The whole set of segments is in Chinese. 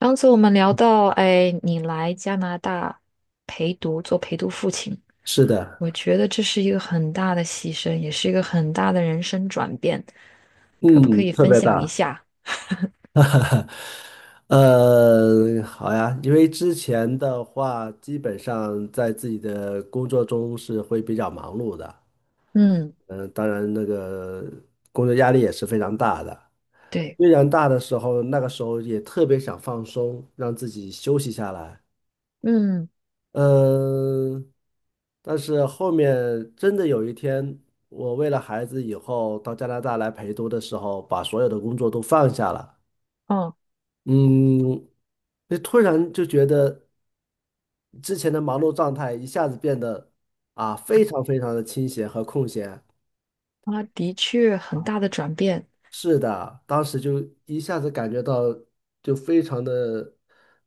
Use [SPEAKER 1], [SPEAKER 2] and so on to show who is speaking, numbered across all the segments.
[SPEAKER 1] 上次我们聊到，哎，你来加拿大陪读，做陪读父亲，
[SPEAKER 2] 是的，
[SPEAKER 1] 我觉得这是一个很大的牺牲，也是一个很大的人生转变，可不可
[SPEAKER 2] 嗯，
[SPEAKER 1] 以
[SPEAKER 2] 特
[SPEAKER 1] 分
[SPEAKER 2] 别
[SPEAKER 1] 享一
[SPEAKER 2] 大。
[SPEAKER 1] 下？
[SPEAKER 2] 好呀，因为之前的话，基本上在自己的工作中是会比较忙碌的。
[SPEAKER 1] 嗯，
[SPEAKER 2] 嗯、当然那个工作压力也是非常大的。
[SPEAKER 1] 对，
[SPEAKER 2] 非常大的时候，那个时候也特别想放松，让自己休息下来。
[SPEAKER 1] 嗯，
[SPEAKER 2] 嗯、但是后面真的有一天，我为了孩子以后到加拿大来陪读的时候，把所有的工作都放下了。
[SPEAKER 1] 哦，
[SPEAKER 2] 嗯，就突然就觉得之前的忙碌状态一下子变得啊，非常非常的清闲和空闲。
[SPEAKER 1] 啊，的确很大的转变，
[SPEAKER 2] 是的，当时就一下子感觉到就非常的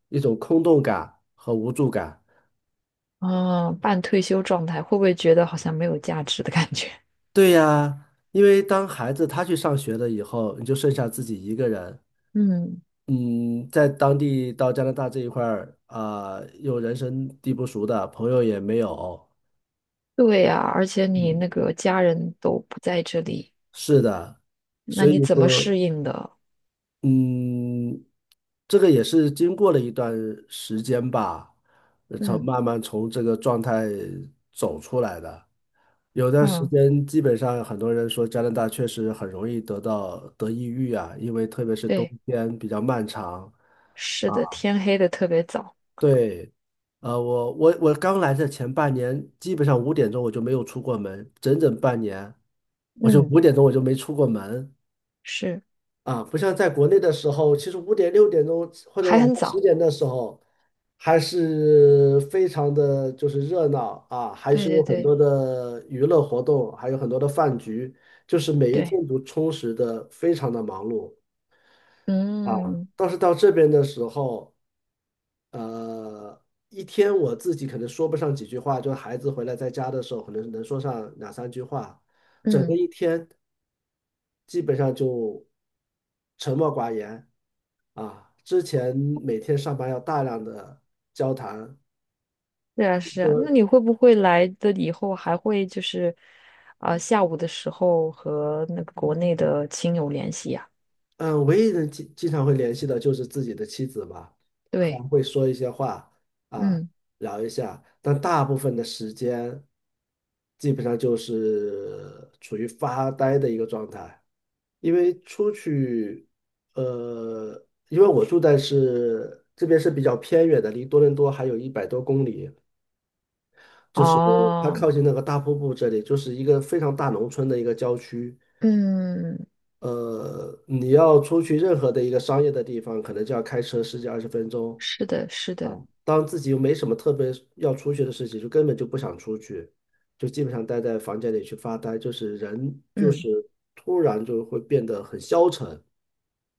[SPEAKER 2] 一种空洞感和无助感。
[SPEAKER 1] 啊，半退休状态，会不会觉得好像没有价值的感觉？
[SPEAKER 2] 对呀，因为当孩子他去上学了以后，你就剩下自己一个人。
[SPEAKER 1] 嗯，
[SPEAKER 2] 嗯，在当地到加拿大这一块儿啊，又人生地不熟的，朋友也没有。
[SPEAKER 1] 对呀，而且你
[SPEAKER 2] 嗯，
[SPEAKER 1] 那个家人都不在这里，
[SPEAKER 2] 是的，
[SPEAKER 1] 那
[SPEAKER 2] 所以
[SPEAKER 1] 你怎么
[SPEAKER 2] 说。
[SPEAKER 1] 适应的？
[SPEAKER 2] 嗯，这个也是经过了一段时间吧，呃从
[SPEAKER 1] 嗯
[SPEAKER 2] 慢慢从这个状态走出来的。有段时
[SPEAKER 1] 嗯，
[SPEAKER 2] 间，基本上很多人说加拿大确实很容易得到得抑郁啊，因为特别是冬
[SPEAKER 1] 对。
[SPEAKER 2] 天比较漫长。
[SPEAKER 1] 是
[SPEAKER 2] 啊，
[SPEAKER 1] 的，天黑的特别早，
[SPEAKER 2] 对，我刚来的前半年，基本上五点钟我就没有出过门，整整半年，我就
[SPEAKER 1] 嗯
[SPEAKER 2] 五点钟我就没出过门。
[SPEAKER 1] 是，
[SPEAKER 2] 啊，不像在国内的时候，其实五点、六点钟或者
[SPEAKER 1] 还
[SPEAKER 2] 晚
[SPEAKER 1] 很
[SPEAKER 2] 上十
[SPEAKER 1] 早。
[SPEAKER 2] 点的时候，还是非常的就是热闹啊，还是
[SPEAKER 1] 对
[SPEAKER 2] 有
[SPEAKER 1] 对
[SPEAKER 2] 很
[SPEAKER 1] 对
[SPEAKER 2] 多的娱乐活动，还有很多的饭局，就是每一
[SPEAKER 1] 对，
[SPEAKER 2] 天都充实的非常的忙碌啊。
[SPEAKER 1] 嗯
[SPEAKER 2] 但是到这边的时候，呃，一天我自己可能说不上几句话，就孩子回来在家的时候，可能能说上两三句话，整个
[SPEAKER 1] 嗯，
[SPEAKER 2] 一天基本上就沉默寡言。啊，之前每天上班要大量的交谈，
[SPEAKER 1] 是啊是
[SPEAKER 2] 就
[SPEAKER 1] 啊。那你会不会来的以后还会就是，啊、下午的时候和那个国内的亲友联系呀、
[SPEAKER 2] 嗯，唯一能经常会联系的就是自己的妻子吧，
[SPEAKER 1] 对，
[SPEAKER 2] 还会说一些话啊，
[SPEAKER 1] 嗯
[SPEAKER 2] 聊一下，但大部分的时间基本上就是处于发呆的一个状态。因为出去，因为我住在是这边是比较偏远的，离多伦多还有一百多公里。就是它
[SPEAKER 1] 哦，
[SPEAKER 2] 靠近那个大瀑布这里，就是一个非常大农村的一个郊区。
[SPEAKER 1] 嗯
[SPEAKER 2] 你要出去任何的一个商业的地方，可能就要开车十几二十分钟
[SPEAKER 1] 是的，是
[SPEAKER 2] 啊。
[SPEAKER 1] 的。
[SPEAKER 2] 当自己又没什么特别要出去的事情，就根本就不想出去，就基本上待在房间里去发呆，就是人就是
[SPEAKER 1] 嗯，
[SPEAKER 2] 突然就会变得很消沉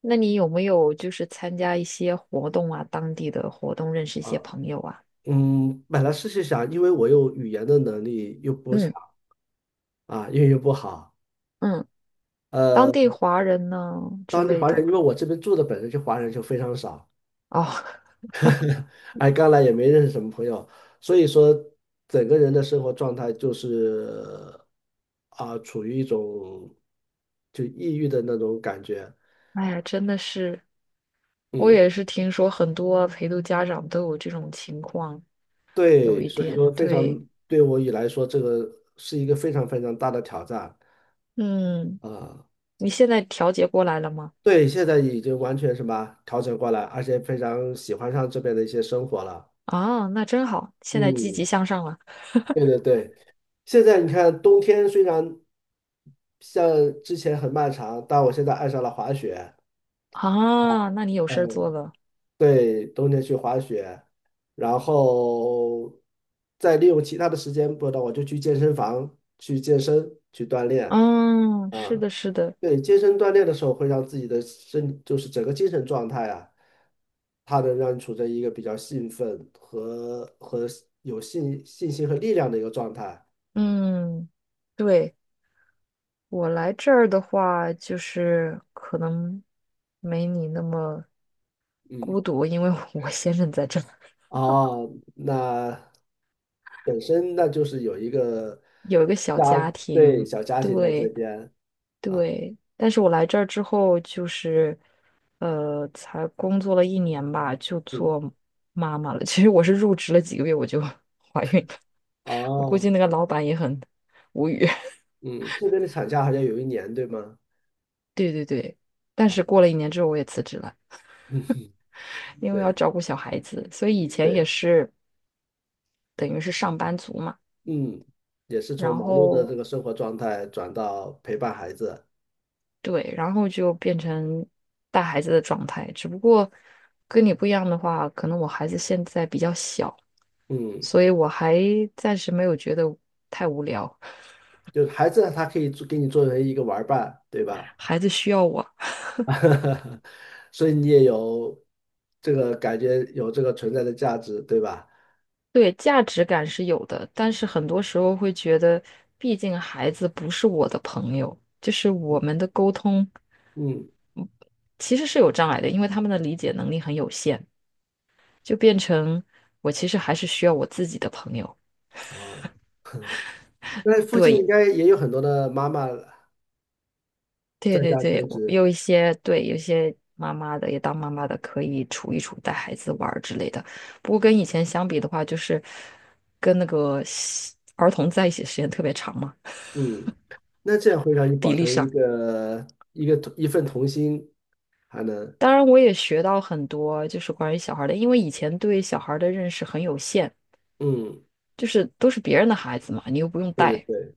[SPEAKER 1] 那你有没有就是参加一些活动啊，当地的活动，认识一些
[SPEAKER 2] 啊。
[SPEAKER 1] 朋友啊？
[SPEAKER 2] 嗯，本来是想，因为我又语言的能力又不强
[SPEAKER 1] 嗯
[SPEAKER 2] 啊，英语又不好。
[SPEAKER 1] 嗯，嗯
[SPEAKER 2] 呃。
[SPEAKER 1] 当地华人呢之
[SPEAKER 2] 当地
[SPEAKER 1] 类
[SPEAKER 2] 华
[SPEAKER 1] 的。
[SPEAKER 2] 人，因为我这边住的本身就华人就非常少，
[SPEAKER 1] 哦，
[SPEAKER 2] 哎，刚来也没认识什么朋友，所以说整个人的生活状态就是啊，处于一种就抑郁的那种感觉。
[SPEAKER 1] 哎呀，真的是，我
[SPEAKER 2] 嗯，
[SPEAKER 1] 也是听说很多陪读家长都有这种情况，有
[SPEAKER 2] 对，
[SPEAKER 1] 一
[SPEAKER 2] 所以
[SPEAKER 1] 点
[SPEAKER 2] 说非
[SPEAKER 1] 对，
[SPEAKER 2] 常对我以来说，这个是一个非常非常大的挑战
[SPEAKER 1] 嗯，
[SPEAKER 2] 啊。
[SPEAKER 1] 你现在调节过来了吗？
[SPEAKER 2] 对，现在已经完全什么调整过来，而且非常喜欢上这边的一些生活了。
[SPEAKER 1] 啊，那真好，现在积
[SPEAKER 2] 嗯。
[SPEAKER 1] 极向上了
[SPEAKER 2] 对对对，现在你看，冬天虽然像之前很漫长，但我现在爱上了滑雪。
[SPEAKER 1] 啊，那你有事儿做
[SPEAKER 2] 嗯，
[SPEAKER 1] 了。
[SPEAKER 2] 对，冬天去滑雪，然后再利用其他的时间，不知道我就去健身房去健身去锻炼
[SPEAKER 1] 嗯，是
[SPEAKER 2] 啊。
[SPEAKER 1] 的，是的，
[SPEAKER 2] 对，健身锻炼的时候会让自己的身，就是整个精神状态啊，它能让你处在一个比较兴奋和有信心和力量的一个状态。
[SPEAKER 1] 嗯，对，我来这儿的话，就是可能没你那么
[SPEAKER 2] 嗯。
[SPEAKER 1] 孤独，因为我先生在这儿，
[SPEAKER 2] 哦，那本身那就是有一个
[SPEAKER 1] 有一个小
[SPEAKER 2] 家，
[SPEAKER 1] 家
[SPEAKER 2] 对，
[SPEAKER 1] 庭，
[SPEAKER 2] 小家庭在这
[SPEAKER 1] 对。
[SPEAKER 2] 边啊。
[SPEAKER 1] 对，但是我来这儿之后，就是，才工作了一年吧，就
[SPEAKER 2] 嗯，
[SPEAKER 1] 做妈妈了。其实我是入职了几个月我就 怀孕了，我估
[SPEAKER 2] 哦，
[SPEAKER 1] 计那个老板也很无语。
[SPEAKER 2] 嗯，这边的产假好像有一年，对吗？
[SPEAKER 1] 对对对，但
[SPEAKER 2] 啊，
[SPEAKER 1] 是过了一年之后我也辞职了，因为要
[SPEAKER 2] 对
[SPEAKER 1] 照顾小孩子，所以以前也
[SPEAKER 2] 对，
[SPEAKER 1] 是等于是上班族嘛。
[SPEAKER 2] 嗯，也是从
[SPEAKER 1] 然
[SPEAKER 2] 忙碌的
[SPEAKER 1] 后
[SPEAKER 2] 这个生活状态转到陪伴孩子。
[SPEAKER 1] 对，然后就变成带孩子的状态，只不过跟你不一样的话，可能我孩子现在比较小。
[SPEAKER 2] 嗯，
[SPEAKER 1] 所以我还暂时没有觉得太无聊，
[SPEAKER 2] 就是孩子他可以做给你作为一个玩儿伴，对吧？
[SPEAKER 1] 孩子需要我。
[SPEAKER 2] 所以你也有这个感觉，有这个存在的价值，对吧？
[SPEAKER 1] 对，价值感是有的，但是很多时候会觉得，毕竟孩子不是我的朋友，就是我们的沟通
[SPEAKER 2] 嗯，
[SPEAKER 1] 其实是有障碍的，因为他们的理解能力很有限，就变成我其实还是需要我自己的朋友。
[SPEAKER 2] 哦。那附近应
[SPEAKER 1] 对。
[SPEAKER 2] 该也有很多的妈妈
[SPEAKER 1] 对
[SPEAKER 2] 在
[SPEAKER 1] 对
[SPEAKER 2] 家
[SPEAKER 1] 对，
[SPEAKER 2] 全
[SPEAKER 1] 我
[SPEAKER 2] 职。
[SPEAKER 1] 有一些对，有些妈妈的也当妈妈的可以处一处带孩子玩儿之类的。不过跟以前相比的话，就是跟那个西儿童在一起的时间特别长嘛，
[SPEAKER 2] 嗯，那这样会让你保
[SPEAKER 1] 比例
[SPEAKER 2] 存
[SPEAKER 1] 上。
[SPEAKER 2] 一份童心，还能。
[SPEAKER 1] 当然，我也学到很多，就是关于小孩儿的，因为以前对小孩儿的认识很有限，
[SPEAKER 2] 嗯，
[SPEAKER 1] 就是都是别人的孩子嘛，你又不用
[SPEAKER 2] 对对
[SPEAKER 1] 带。
[SPEAKER 2] 对，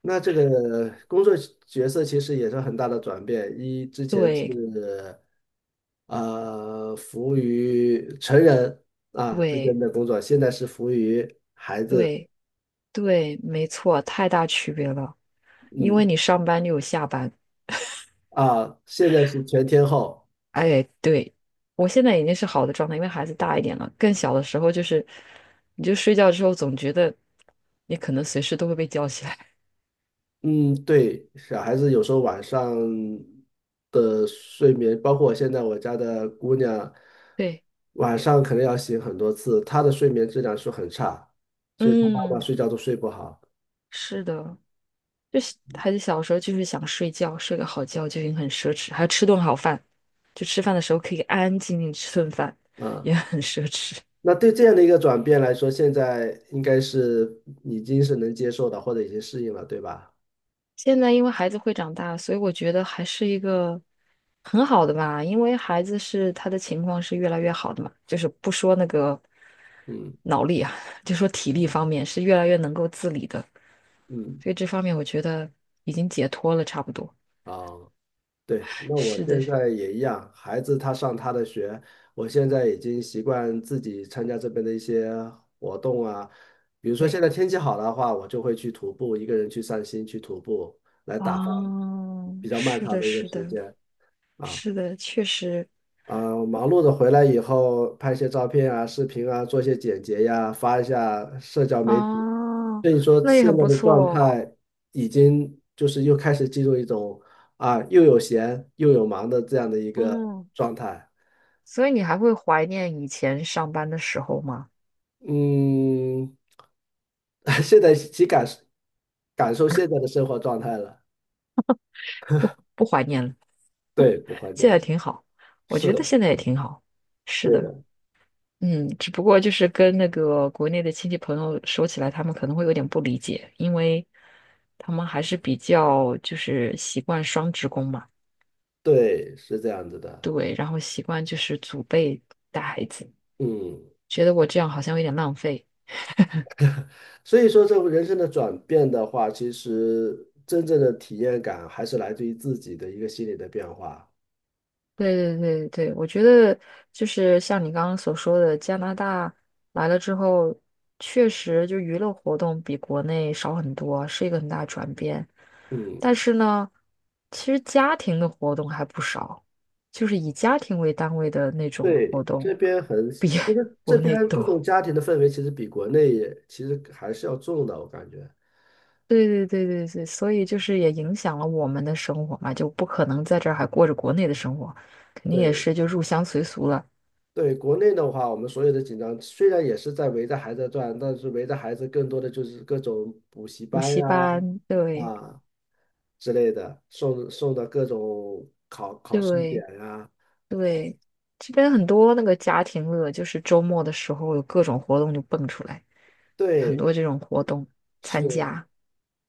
[SPEAKER 2] 那这个工作角色其实也是很大的转变，之前是
[SPEAKER 1] 对
[SPEAKER 2] 服务于成人啊之
[SPEAKER 1] 对
[SPEAKER 2] 间的工作，现在是服务于孩子。
[SPEAKER 1] 对对，没错，太大区别了，因为
[SPEAKER 2] 嗯
[SPEAKER 1] 你上班就有下班。
[SPEAKER 2] 现在是全天候。
[SPEAKER 1] 哎，对，我现在已经是好的状态，因为孩子大一点了。更小的时候就是，你就睡觉之后总觉得你可能随时都会被叫起来。
[SPEAKER 2] 嗯，对，小孩子有时候晚上的睡眠，包括我现在我家的姑娘，
[SPEAKER 1] 对，
[SPEAKER 2] 晚上可能要醒很多次，她的睡眠质量是很差，所以她妈妈
[SPEAKER 1] 嗯，
[SPEAKER 2] 睡觉都睡不好
[SPEAKER 1] 是的，就是孩子小时候就是想睡觉，睡个好觉就已经很奢侈，还要吃顿好饭，就吃饭的时候可以安安静静吃顿饭，
[SPEAKER 2] 啊。
[SPEAKER 1] 也很奢侈。
[SPEAKER 2] 那对这样的一个转变来说，现在应该是已经是能接受的，或者已经适应了，对吧？
[SPEAKER 1] 现在因为孩子会长大，所以我觉得还是一个很好的吧。因为孩子是他的情况是越来越好的嘛，就是不说那个
[SPEAKER 2] 嗯
[SPEAKER 1] 脑力啊，就说体力方面是越来越能够自理的，
[SPEAKER 2] 嗯，
[SPEAKER 1] 所以这方面我觉得已经解脱了，差不多。
[SPEAKER 2] 啊。对，那我
[SPEAKER 1] 是的，
[SPEAKER 2] 现在也一样，孩子他上他的学，我现在已经习惯自己参加这边的一些活动啊，比如说
[SPEAKER 1] 对，
[SPEAKER 2] 现在天气好的话，我就会去徒步，一个人去散心去徒步，来打发
[SPEAKER 1] 哦，
[SPEAKER 2] 比较漫
[SPEAKER 1] 是
[SPEAKER 2] 长
[SPEAKER 1] 的，
[SPEAKER 2] 的一个
[SPEAKER 1] 是
[SPEAKER 2] 时
[SPEAKER 1] 的，
[SPEAKER 2] 间啊。
[SPEAKER 1] 是的，确实，
[SPEAKER 2] 啊、忙碌的回来以后，拍一些照片啊、视频啊，做一些剪辑呀，发一下社交媒体。
[SPEAKER 1] 哦，
[SPEAKER 2] 所以说，
[SPEAKER 1] 那也
[SPEAKER 2] 现
[SPEAKER 1] 很
[SPEAKER 2] 在
[SPEAKER 1] 不
[SPEAKER 2] 的状
[SPEAKER 1] 错，
[SPEAKER 2] 态已经就是又开始进入一种啊，又有闲又有忙的这样的一个
[SPEAKER 1] 嗯。
[SPEAKER 2] 状态。
[SPEAKER 1] 所以你还会怀念以前上班的时候吗？
[SPEAKER 2] 嗯，现在感受感受现在的生活状态了。
[SPEAKER 1] 不，不怀念了。
[SPEAKER 2] 对，不会这
[SPEAKER 1] 现在
[SPEAKER 2] 了，
[SPEAKER 1] 挺好，我
[SPEAKER 2] 是，
[SPEAKER 1] 觉得现在也挺好。是
[SPEAKER 2] 对
[SPEAKER 1] 的，
[SPEAKER 2] 的。
[SPEAKER 1] 嗯，只不过就是跟那个国内的亲戚朋友说起来，他们可能会有点不理解，因为他们还是比较就是习惯双职工嘛，
[SPEAKER 2] 对，是这样子的。
[SPEAKER 1] 对，然后习惯就是祖辈带孩子，
[SPEAKER 2] 嗯。
[SPEAKER 1] 觉得我这样好像有点浪费。
[SPEAKER 2] 所以说，这个人生的转变的话，其实真正的体验感还是来自于自己的一个心理的变化。
[SPEAKER 1] 对对对对，我觉得就是像你刚刚所说的，加拿大来了之后，确实就娱乐活动比国内少很多，是一个很大的转变。
[SPEAKER 2] 嗯，
[SPEAKER 1] 但是呢，其实家庭的活动还不少，就是以家庭为单位的那种活
[SPEAKER 2] 对，
[SPEAKER 1] 动
[SPEAKER 2] 这边很，
[SPEAKER 1] 比
[SPEAKER 2] 其实 这
[SPEAKER 1] 国内
[SPEAKER 2] 边注重
[SPEAKER 1] 多。
[SPEAKER 2] 家庭的氛围，其实比国内也其实还是要重的，我感觉。
[SPEAKER 1] 对对对对对，所以就是也影响了我们的生活嘛，就不可能在这儿还过着国内的生活，肯定也
[SPEAKER 2] 对
[SPEAKER 1] 是就入乡随俗了，
[SPEAKER 2] 对，国内的话，我们所有的紧张虽然也是在围着孩子转，但是围着孩子更多的就是各种补习
[SPEAKER 1] 补
[SPEAKER 2] 班
[SPEAKER 1] 习
[SPEAKER 2] 呀
[SPEAKER 1] 班，对。
[SPEAKER 2] 啊之类的，送的各种考试点
[SPEAKER 1] 对
[SPEAKER 2] 呀。
[SPEAKER 1] 对，这边很多那个家庭乐，就是周末的时候有各种活动就蹦出来，有很
[SPEAKER 2] 对，
[SPEAKER 1] 多这种活动参
[SPEAKER 2] 是。
[SPEAKER 1] 加。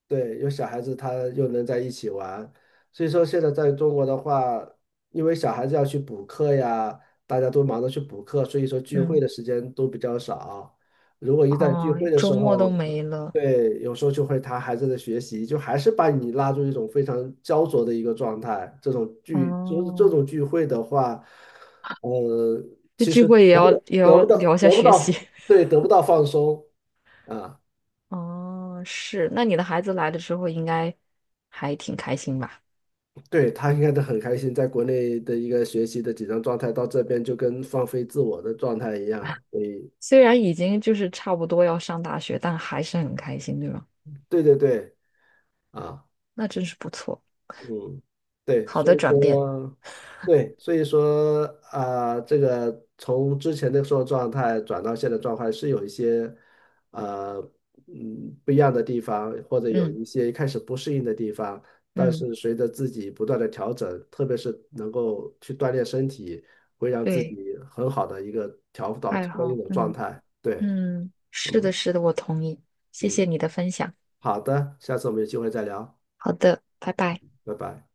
[SPEAKER 2] 对，有小孩子他又能在一起玩，所以说现在在中国的话，因为小孩子要去补课呀，大家都忙着去补课，所以说聚会
[SPEAKER 1] 嗯，
[SPEAKER 2] 的时间都比较少。如果一旦聚
[SPEAKER 1] 哦，
[SPEAKER 2] 会的时
[SPEAKER 1] 周末
[SPEAKER 2] 候，
[SPEAKER 1] 都没了。
[SPEAKER 2] 对，有时候就会谈孩子的学习，就还是把你拉入一种非常焦灼的一个状态。这种聚，就是这
[SPEAKER 1] 哦，
[SPEAKER 2] 种聚会的话，呃，
[SPEAKER 1] 这
[SPEAKER 2] 其
[SPEAKER 1] 聚
[SPEAKER 2] 实
[SPEAKER 1] 会也
[SPEAKER 2] 得不
[SPEAKER 1] 要
[SPEAKER 2] 到，
[SPEAKER 1] 也
[SPEAKER 2] 得
[SPEAKER 1] 要
[SPEAKER 2] 不到，
[SPEAKER 1] 聊一下
[SPEAKER 2] 得不
[SPEAKER 1] 学习。
[SPEAKER 2] 到，对，得不到放松啊。
[SPEAKER 1] 哦，是，那你的孩子来了之后应该还挺开心吧？
[SPEAKER 2] 对，他应该都很开心，在国内的一个学习的紧张状态，到这边就跟放飞自我的状态一样，所以
[SPEAKER 1] 虽然已经就是差不多要上大学，但还是很开心，对吧？
[SPEAKER 2] 对对对啊。
[SPEAKER 1] 那真是不错，
[SPEAKER 2] 嗯，对，
[SPEAKER 1] 好
[SPEAKER 2] 所
[SPEAKER 1] 的
[SPEAKER 2] 以
[SPEAKER 1] 转变。
[SPEAKER 2] 说，对，所以说，啊、这个从之前的时候状态转到现在状态是有一些，呃，不一样的地方，或者有
[SPEAKER 1] 嗯
[SPEAKER 2] 一些一开始不适应的地方，但
[SPEAKER 1] 嗯，
[SPEAKER 2] 是随着自己不断的调整，特别是能够去锻炼身体，会让自
[SPEAKER 1] 对，
[SPEAKER 2] 己很好的一个调到
[SPEAKER 1] 爱
[SPEAKER 2] 调到一
[SPEAKER 1] 好，
[SPEAKER 2] 种状
[SPEAKER 1] 嗯。
[SPEAKER 2] 态。对，
[SPEAKER 1] 嗯，是的，
[SPEAKER 2] 嗯
[SPEAKER 1] 是的，我同意。谢
[SPEAKER 2] 嗯，
[SPEAKER 1] 谢你的分享。
[SPEAKER 2] 好的，下次我们有机会再聊，
[SPEAKER 1] 好的，拜拜。
[SPEAKER 2] 拜拜。